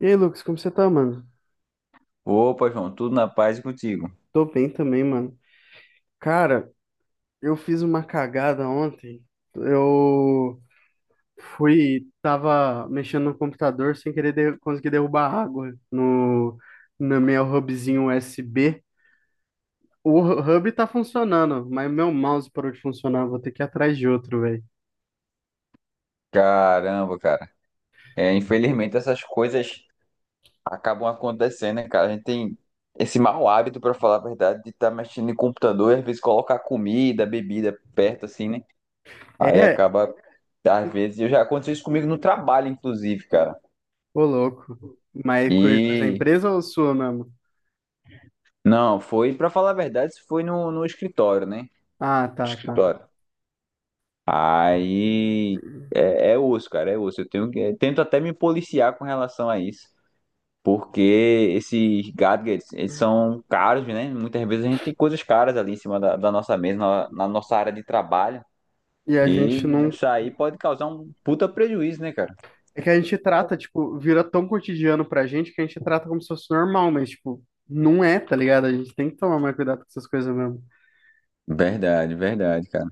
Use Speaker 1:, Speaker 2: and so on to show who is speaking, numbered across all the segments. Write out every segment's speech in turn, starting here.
Speaker 1: E aí, Lucas, como você tá, mano?
Speaker 2: Opa, João, tudo na paz e contigo?
Speaker 1: Tô bem também, mano. Cara, eu fiz uma cagada ontem. Eu tava mexendo no computador sem querer conseguir derrubar água no meu hubzinho USB. O hub tá funcionando, mas meu mouse parou de funcionar. Vou ter que ir atrás de outro, velho.
Speaker 2: Caramba, cara. É, infelizmente essas coisas acabam acontecendo, né, cara? A gente tem esse mau hábito, pra falar a verdade, de estar mexendo em computador e às vezes colocar comida, bebida perto, assim, né? Aí
Speaker 1: É,
Speaker 2: acaba, às vezes, eu já aconteceu isso comigo no trabalho, inclusive, cara.
Speaker 1: ô louco. Mas coisa da
Speaker 2: E
Speaker 1: empresa ou sua mesmo?
Speaker 2: não, foi, pra falar a verdade, isso foi no escritório, né?
Speaker 1: Ah,
Speaker 2: No
Speaker 1: tá, tá.
Speaker 2: escritório. Aí é osso, cara, é osso. Eu tento até me policiar com relação a isso. Porque esses gadgets, eles são caros, né? Muitas vezes a gente tem coisas caras ali em cima da nossa mesa, na nossa área de trabalho.
Speaker 1: E a
Speaker 2: E
Speaker 1: gente não.
Speaker 2: isso aí pode causar um puta prejuízo, né, cara?
Speaker 1: É que a gente trata, tipo, vira tão cotidiano pra gente que a gente trata como se fosse normal, mas, tipo, não é, tá ligado? A gente tem que tomar mais cuidado com essas coisas mesmo.
Speaker 2: Verdade, verdade, cara.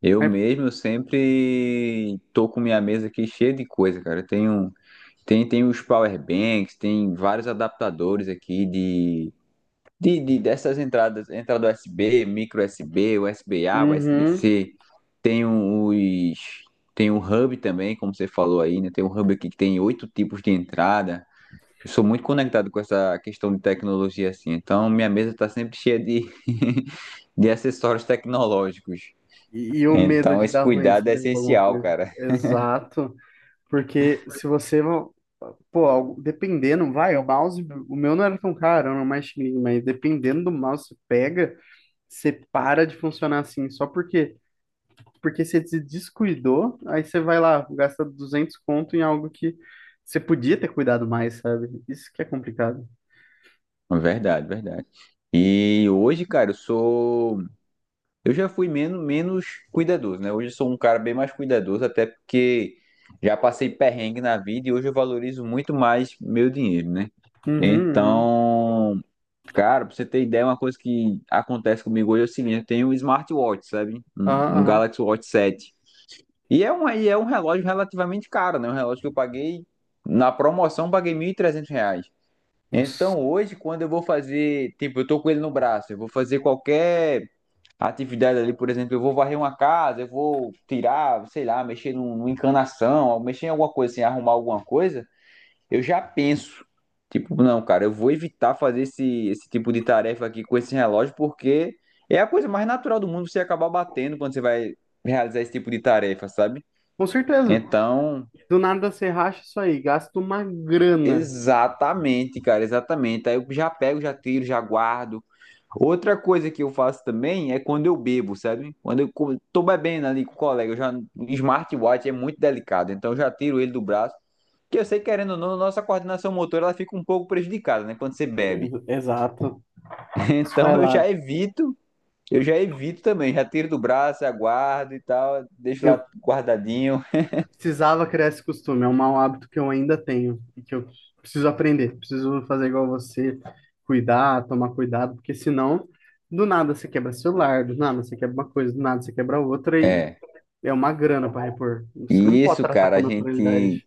Speaker 2: Eu
Speaker 1: É,
Speaker 2: mesmo sempre tô com minha mesa aqui cheia de coisa, cara. Tem os power banks, tem vários adaptadores aqui. Dessas entradas, entrada USB, micro USB, USB-A,
Speaker 1: uhum.
Speaker 2: USB-C, tem um- os, tem um hub também, como você falou aí, né? Tem um hub aqui que tem oito tipos de entrada. Eu sou muito conectado com essa questão de tecnologia assim, então minha mesa está sempre cheia de, de acessórios tecnológicos.
Speaker 1: E o medo
Speaker 2: Então
Speaker 1: de
Speaker 2: esse
Speaker 1: dar ruim
Speaker 2: cuidado
Speaker 1: se
Speaker 2: é
Speaker 1: derrubar alguma
Speaker 2: essencial,
Speaker 1: coisa.
Speaker 2: cara.
Speaker 1: Exato. Porque se você, pô, dependendo, vai, o mouse, o meu não era tão caro, era um mais chininho, mas dependendo do mouse que você pega, você para de funcionar assim, só porque você se descuidou, aí você vai lá, gasta 200 conto em algo que você podia ter cuidado mais, sabe? Isso que é complicado.
Speaker 2: Verdade, verdade. E hoje, cara, eu já fui menos cuidadoso, né? Hoje eu sou um cara bem mais cuidadoso, até porque já passei perrengue na vida e hoje eu valorizo muito mais meu dinheiro, né?
Speaker 1: Uhum, uhum.
Speaker 2: Então, cara, pra você ter ideia, uma coisa que acontece comigo hoje é o seguinte, eu tenho um smartwatch, sabe? Um,
Speaker 1: Aham,
Speaker 2: um
Speaker 1: aham.
Speaker 2: Galaxy Watch 7. É um relógio relativamente caro, né? Um relógio que eu paguei, na promoção, eu paguei R$ 1.300.
Speaker 1: Nossa.
Speaker 2: Então, hoje, quando eu vou fazer, tipo, eu tô com ele no braço, eu vou fazer qualquer atividade ali, por exemplo, eu vou varrer uma casa, eu vou tirar, sei lá, mexer numa encanação, ou mexer em alguma coisa, assim, arrumar alguma coisa, eu já penso. Tipo, não, cara, eu vou evitar fazer esse tipo de tarefa aqui com esse relógio, porque é a coisa mais natural do mundo você acabar batendo quando você vai realizar esse tipo de tarefa, sabe?
Speaker 1: Com certeza.
Speaker 2: Então,
Speaker 1: Do nada você racha isso aí, gasta uma grana.
Speaker 2: exatamente, cara, exatamente. Aí eu já pego, já tiro, já guardo. Outra coisa que eu faço também é quando eu bebo, sabe? Quando tô bebendo ali com o colega, o smartwatch é muito delicado, então eu já tiro ele do braço. Porque eu sei, querendo ou não, a nossa coordenação motora ela fica um pouco prejudicada, né? Quando você bebe.
Speaker 1: Exato. Você
Speaker 2: Então
Speaker 1: vai
Speaker 2: eu
Speaker 1: lá.
Speaker 2: já evito, eu já evito também, já tiro do braço, aguardo e tal, deixo
Speaker 1: Eu
Speaker 2: lá guardadinho.
Speaker 1: precisava criar esse costume, é um mau hábito que eu ainda tenho e que eu preciso aprender. Preciso fazer igual você, cuidar, tomar cuidado, porque senão do nada você quebra celular, do nada você quebra uma coisa, do nada você quebra outra e
Speaker 2: É.
Speaker 1: é uma grana para repor. Você não
Speaker 2: E
Speaker 1: pode
Speaker 2: isso,
Speaker 1: tratar
Speaker 2: cara.
Speaker 1: com
Speaker 2: A gente
Speaker 1: naturalidade.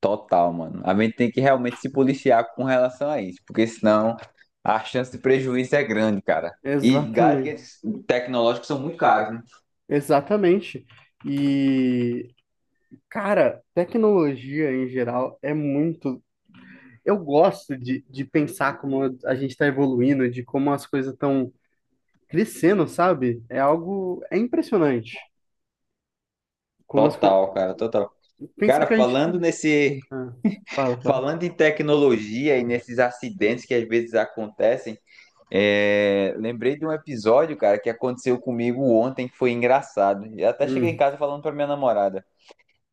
Speaker 2: Total, mano. A gente tem que realmente se policiar com relação a isso, porque senão a chance de prejuízo é grande, cara. E
Speaker 1: Exatamente.
Speaker 2: gadgets tecnológicos são muito caros, né?
Speaker 1: Exatamente. E, cara, tecnologia em geral é muito. Eu gosto de pensar como a gente está evoluindo, de como as coisas estão crescendo, sabe? É algo. É impressionante. Como as coisas.
Speaker 2: Total.
Speaker 1: Pensar
Speaker 2: Cara,
Speaker 1: que a gente. Ah, fala, fala.
Speaker 2: falando em tecnologia e nesses acidentes que às vezes acontecem, lembrei de um episódio, cara, que aconteceu comigo ontem, que foi engraçado. Eu até cheguei em
Speaker 1: Hum,
Speaker 2: casa falando pra minha namorada.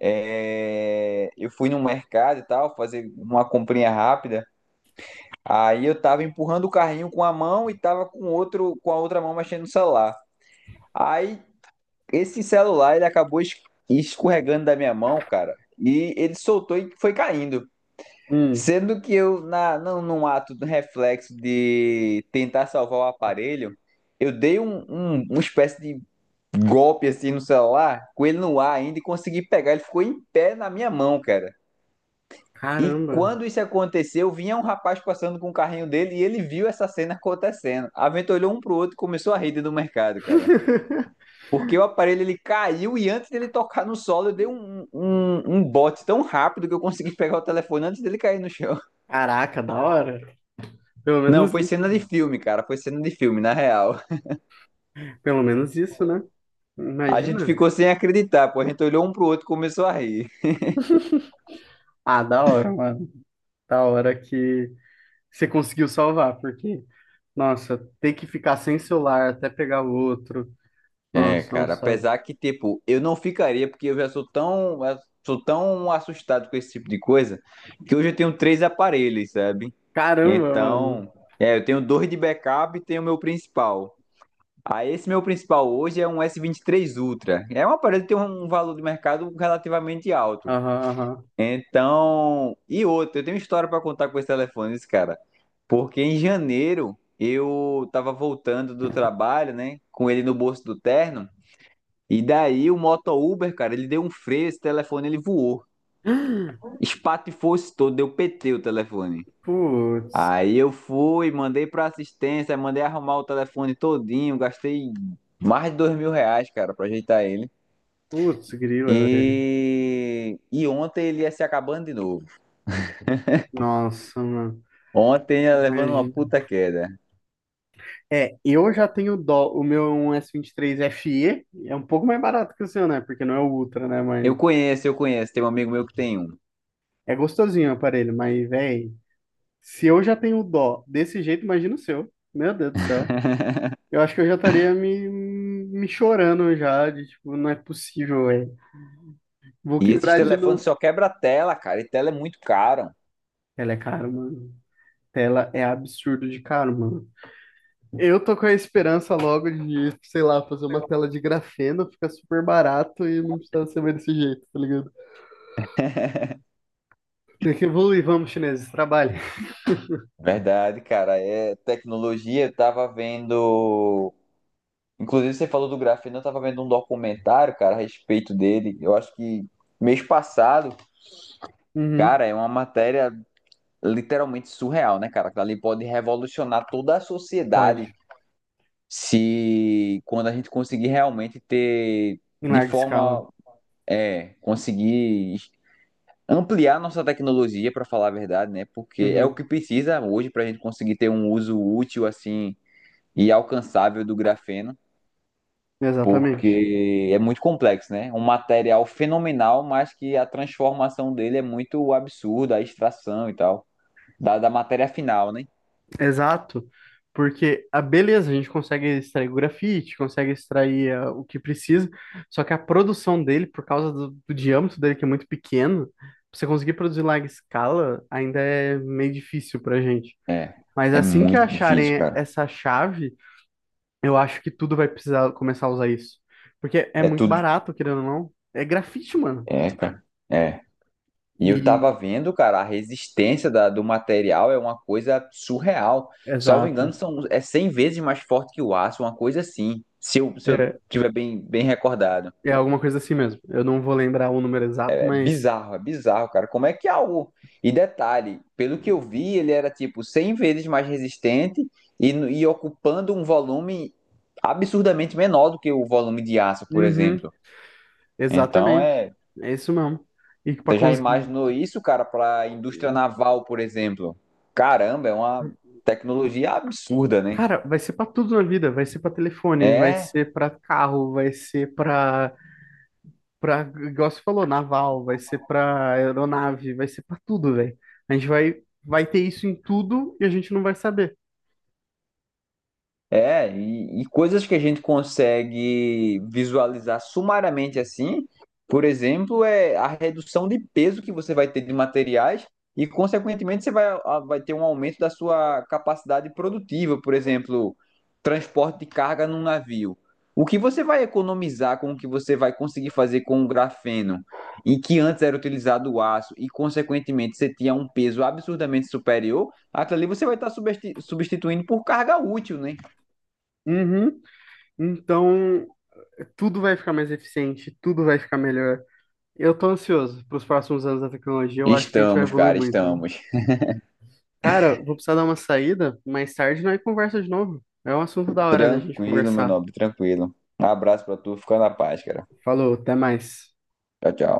Speaker 2: É, eu fui no mercado e tal, fazer uma comprinha rápida. Aí eu tava empurrando o carrinho com a mão e tava com a outra mão mexendo no celular. Aí esse celular ele acabou escorregando da minha mão, cara, e ele soltou e foi caindo.
Speaker 1: hum.
Speaker 2: Sendo que eu, num ato do reflexo de tentar salvar o aparelho, eu dei uma espécie de golpe assim no celular, com ele no ar ainda, e consegui pegar. Ele ficou em pé na minha mão, cara. E
Speaker 1: Caramba.
Speaker 2: quando isso aconteceu, vinha um rapaz passando com o carrinho dele e ele viu essa cena acontecendo. A Venta olhou um pro outro e começou a rir dentro do mercado, cara. Porque o aparelho ele caiu e antes dele tocar no solo, eu dei um bote tão rápido que eu consegui pegar o telefone antes dele cair no chão.
Speaker 1: Caraca, da hora. Pelo
Speaker 2: Não,
Speaker 1: menos
Speaker 2: foi cena de
Speaker 1: isso.
Speaker 2: filme, cara. Foi cena de filme, na real.
Speaker 1: Pelo menos isso, né?
Speaker 2: A gente
Speaker 1: Imagina.
Speaker 2: ficou sem acreditar, pô. A gente olhou um pro outro e começou a rir.
Speaker 1: Ah, da hora, mano. Da hora que você conseguiu salvar, porque, nossa, ter que ficar sem celular até pegar o outro.
Speaker 2: É,
Speaker 1: Nossa, é um
Speaker 2: cara,
Speaker 1: saco.
Speaker 2: apesar que, tipo, eu não ficaria, porque eu já sou tão assustado com esse tipo de coisa, que hoje eu tenho três aparelhos, sabe?
Speaker 1: Caramba, mano.
Speaker 2: Então, eu tenho dois de backup e tenho o meu principal. Aí, esse meu principal hoje é um S23 Ultra. É um aparelho que tem um valor de mercado relativamente alto.
Speaker 1: Aham,
Speaker 2: Então, e outro, eu tenho história para contar com esse telefone, esse cara. Porque em janeiro eu tava voltando do trabalho, né, com ele no bolso do terno. E daí o moto Uber, cara, ele deu um freio, esse telefone ele voou.
Speaker 1: aham.
Speaker 2: Espatifou se todo, deu PT o telefone.
Speaker 1: Putz,
Speaker 2: Aí eu fui, mandei pra assistência, mandei arrumar o telefone todinho, gastei mais de R$ 2.000, cara, pra ajeitar ele.
Speaker 1: grila, velho.
Speaker 2: E ontem ele ia se acabando de novo.
Speaker 1: Nossa, mano.
Speaker 2: Ontem ia levando uma
Speaker 1: Imagina.
Speaker 2: puta queda.
Speaker 1: É, eu já tenho dó. O meu é um S23 vinte e FE, é um pouco mais barato que o seu, né? Porque não é o Ultra, né? Mas
Speaker 2: Eu conheço, tem um amigo meu que tem um.
Speaker 1: é gostosinho o aparelho. Mas, velho, se eu já tenho dó desse jeito, imagina o seu. Meu Deus do céu. Eu acho que eu já estaria me chorando já, de tipo, não é possível, velho. Vou
Speaker 2: E esses
Speaker 1: quebrar de
Speaker 2: telefones
Speaker 1: novo.
Speaker 2: só quebra a tela, cara, e tela é muito caro.
Speaker 1: Ela é cara, mano. Tela é absurdo de caro, mano. Eu tô com a esperança logo de, sei lá, fazer uma tela de grafeno, fica super barato e não precisa ser mais desse jeito, tá ligado? Tem que evoluir, vamos, chineses, trabalhe.
Speaker 2: Verdade, cara, é tecnologia, eu tava vendo inclusive, você falou do Grafeno, eu tava vendo um documentário, cara, a respeito dele. Eu acho que mês passado,
Speaker 1: Uhum,
Speaker 2: cara, é uma matéria literalmente surreal, né, cara? Que ali pode revolucionar toda a sociedade
Speaker 1: pode.
Speaker 2: se quando a gente conseguir realmente ter
Speaker 1: Em
Speaker 2: de
Speaker 1: larga escala.
Speaker 2: forma conseguir ampliar nossa tecnologia, para falar a verdade, né? Porque é o
Speaker 1: Uhum,
Speaker 2: que precisa hoje para a gente conseguir ter um uso útil assim e alcançável do grafeno.
Speaker 1: exatamente.
Speaker 2: Porque é muito complexo, né? Um material fenomenal, mas que a transformação dele é muito absurda, a extração e tal, da matéria final, né?
Speaker 1: Exato, porque a beleza, a gente consegue extrair o grafite, consegue extrair ah, o que precisa, só que a produção dele, por causa do diâmetro dele, que é muito pequeno, pra você conseguir produzir em larga escala, ainda é meio difícil pra gente.
Speaker 2: É,
Speaker 1: Mas
Speaker 2: é
Speaker 1: assim que
Speaker 2: muito difícil,
Speaker 1: acharem
Speaker 2: cara.
Speaker 1: essa chave, eu acho que tudo vai precisar começar a usar isso. Porque é
Speaker 2: É
Speaker 1: muito
Speaker 2: tudo.
Speaker 1: barato, querendo ou não. É grafite, mano.
Speaker 2: É, cara. É. E eu
Speaker 1: E,
Speaker 2: tava vendo, cara, a resistência do material é uma coisa surreal. Salvo engano,
Speaker 1: exato.
Speaker 2: são, é 100 vezes mais forte que o aço, uma coisa assim, se eu
Speaker 1: É,
Speaker 2: tiver bem, bem recordado.
Speaker 1: é alguma coisa assim mesmo. Eu não vou lembrar o número exato, mas.
Speaker 2: É bizarro, cara. Como é que é algo. E detalhe, pelo que eu vi, ele era tipo 100 vezes mais resistente e ocupando um volume absurdamente menor do que o volume de aço, por
Speaker 1: Uhum.
Speaker 2: exemplo. Então
Speaker 1: Exatamente.
Speaker 2: é.
Speaker 1: É isso mesmo. E para
Speaker 2: Você já
Speaker 1: conseguir.
Speaker 2: imaginou isso, cara, para a indústria naval, por exemplo? Caramba, é uma tecnologia absurda, né?
Speaker 1: Cara, vai ser para tudo na vida. Vai ser para telefone, vai
Speaker 2: É,
Speaker 1: ser para carro, vai ser para igual você falou, naval, vai ser para aeronave, vai ser para tudo, velho. A gente vai ter isso em tudo e a gente não vai saber.
Speaker 2: é, e coisas que a gente consegue visualizar sumariamente assim, por exemplo, é a redução de peso que você vai ter de materiais e, consequentemente, vai ter um aumento da sua capacidade produtiva, por exemplo, transporte de carga num navio. O que você vai economizar com o que você vai conseguir fazer com o grafeno e que antes era utilizado o aço e, consequentemente, você tinha um peso absurdamente superior, aquilo ali você vai estar substituindo por carga útil, né?
Speaker 1: Uhum. Então, tudo vai ficar mais eficiente, tudo vai ficar melhor. Eu tô ansioso para os próximos anos da tecnologia. Eu acho que a gente vai
Speaker 2: Estamos,
Speaker 1: evoluir
Speaker 2: cara,
Speaker 1: muito.
Speaker 2: estamos.
Speaker 1: Cara, vou precisar dar uma saída. Mais tarde nós conversa de novo. É um assunto da hora da gente
Speaker 2: Tranquilo, meu
Speaker 1: conversar.
Speaker 2: nobre, tranquilo. Um abraço pra tu, fica na paz, cara.
Speaker 1: Falou, até mais.
Speaker 2: Tchau, tchau.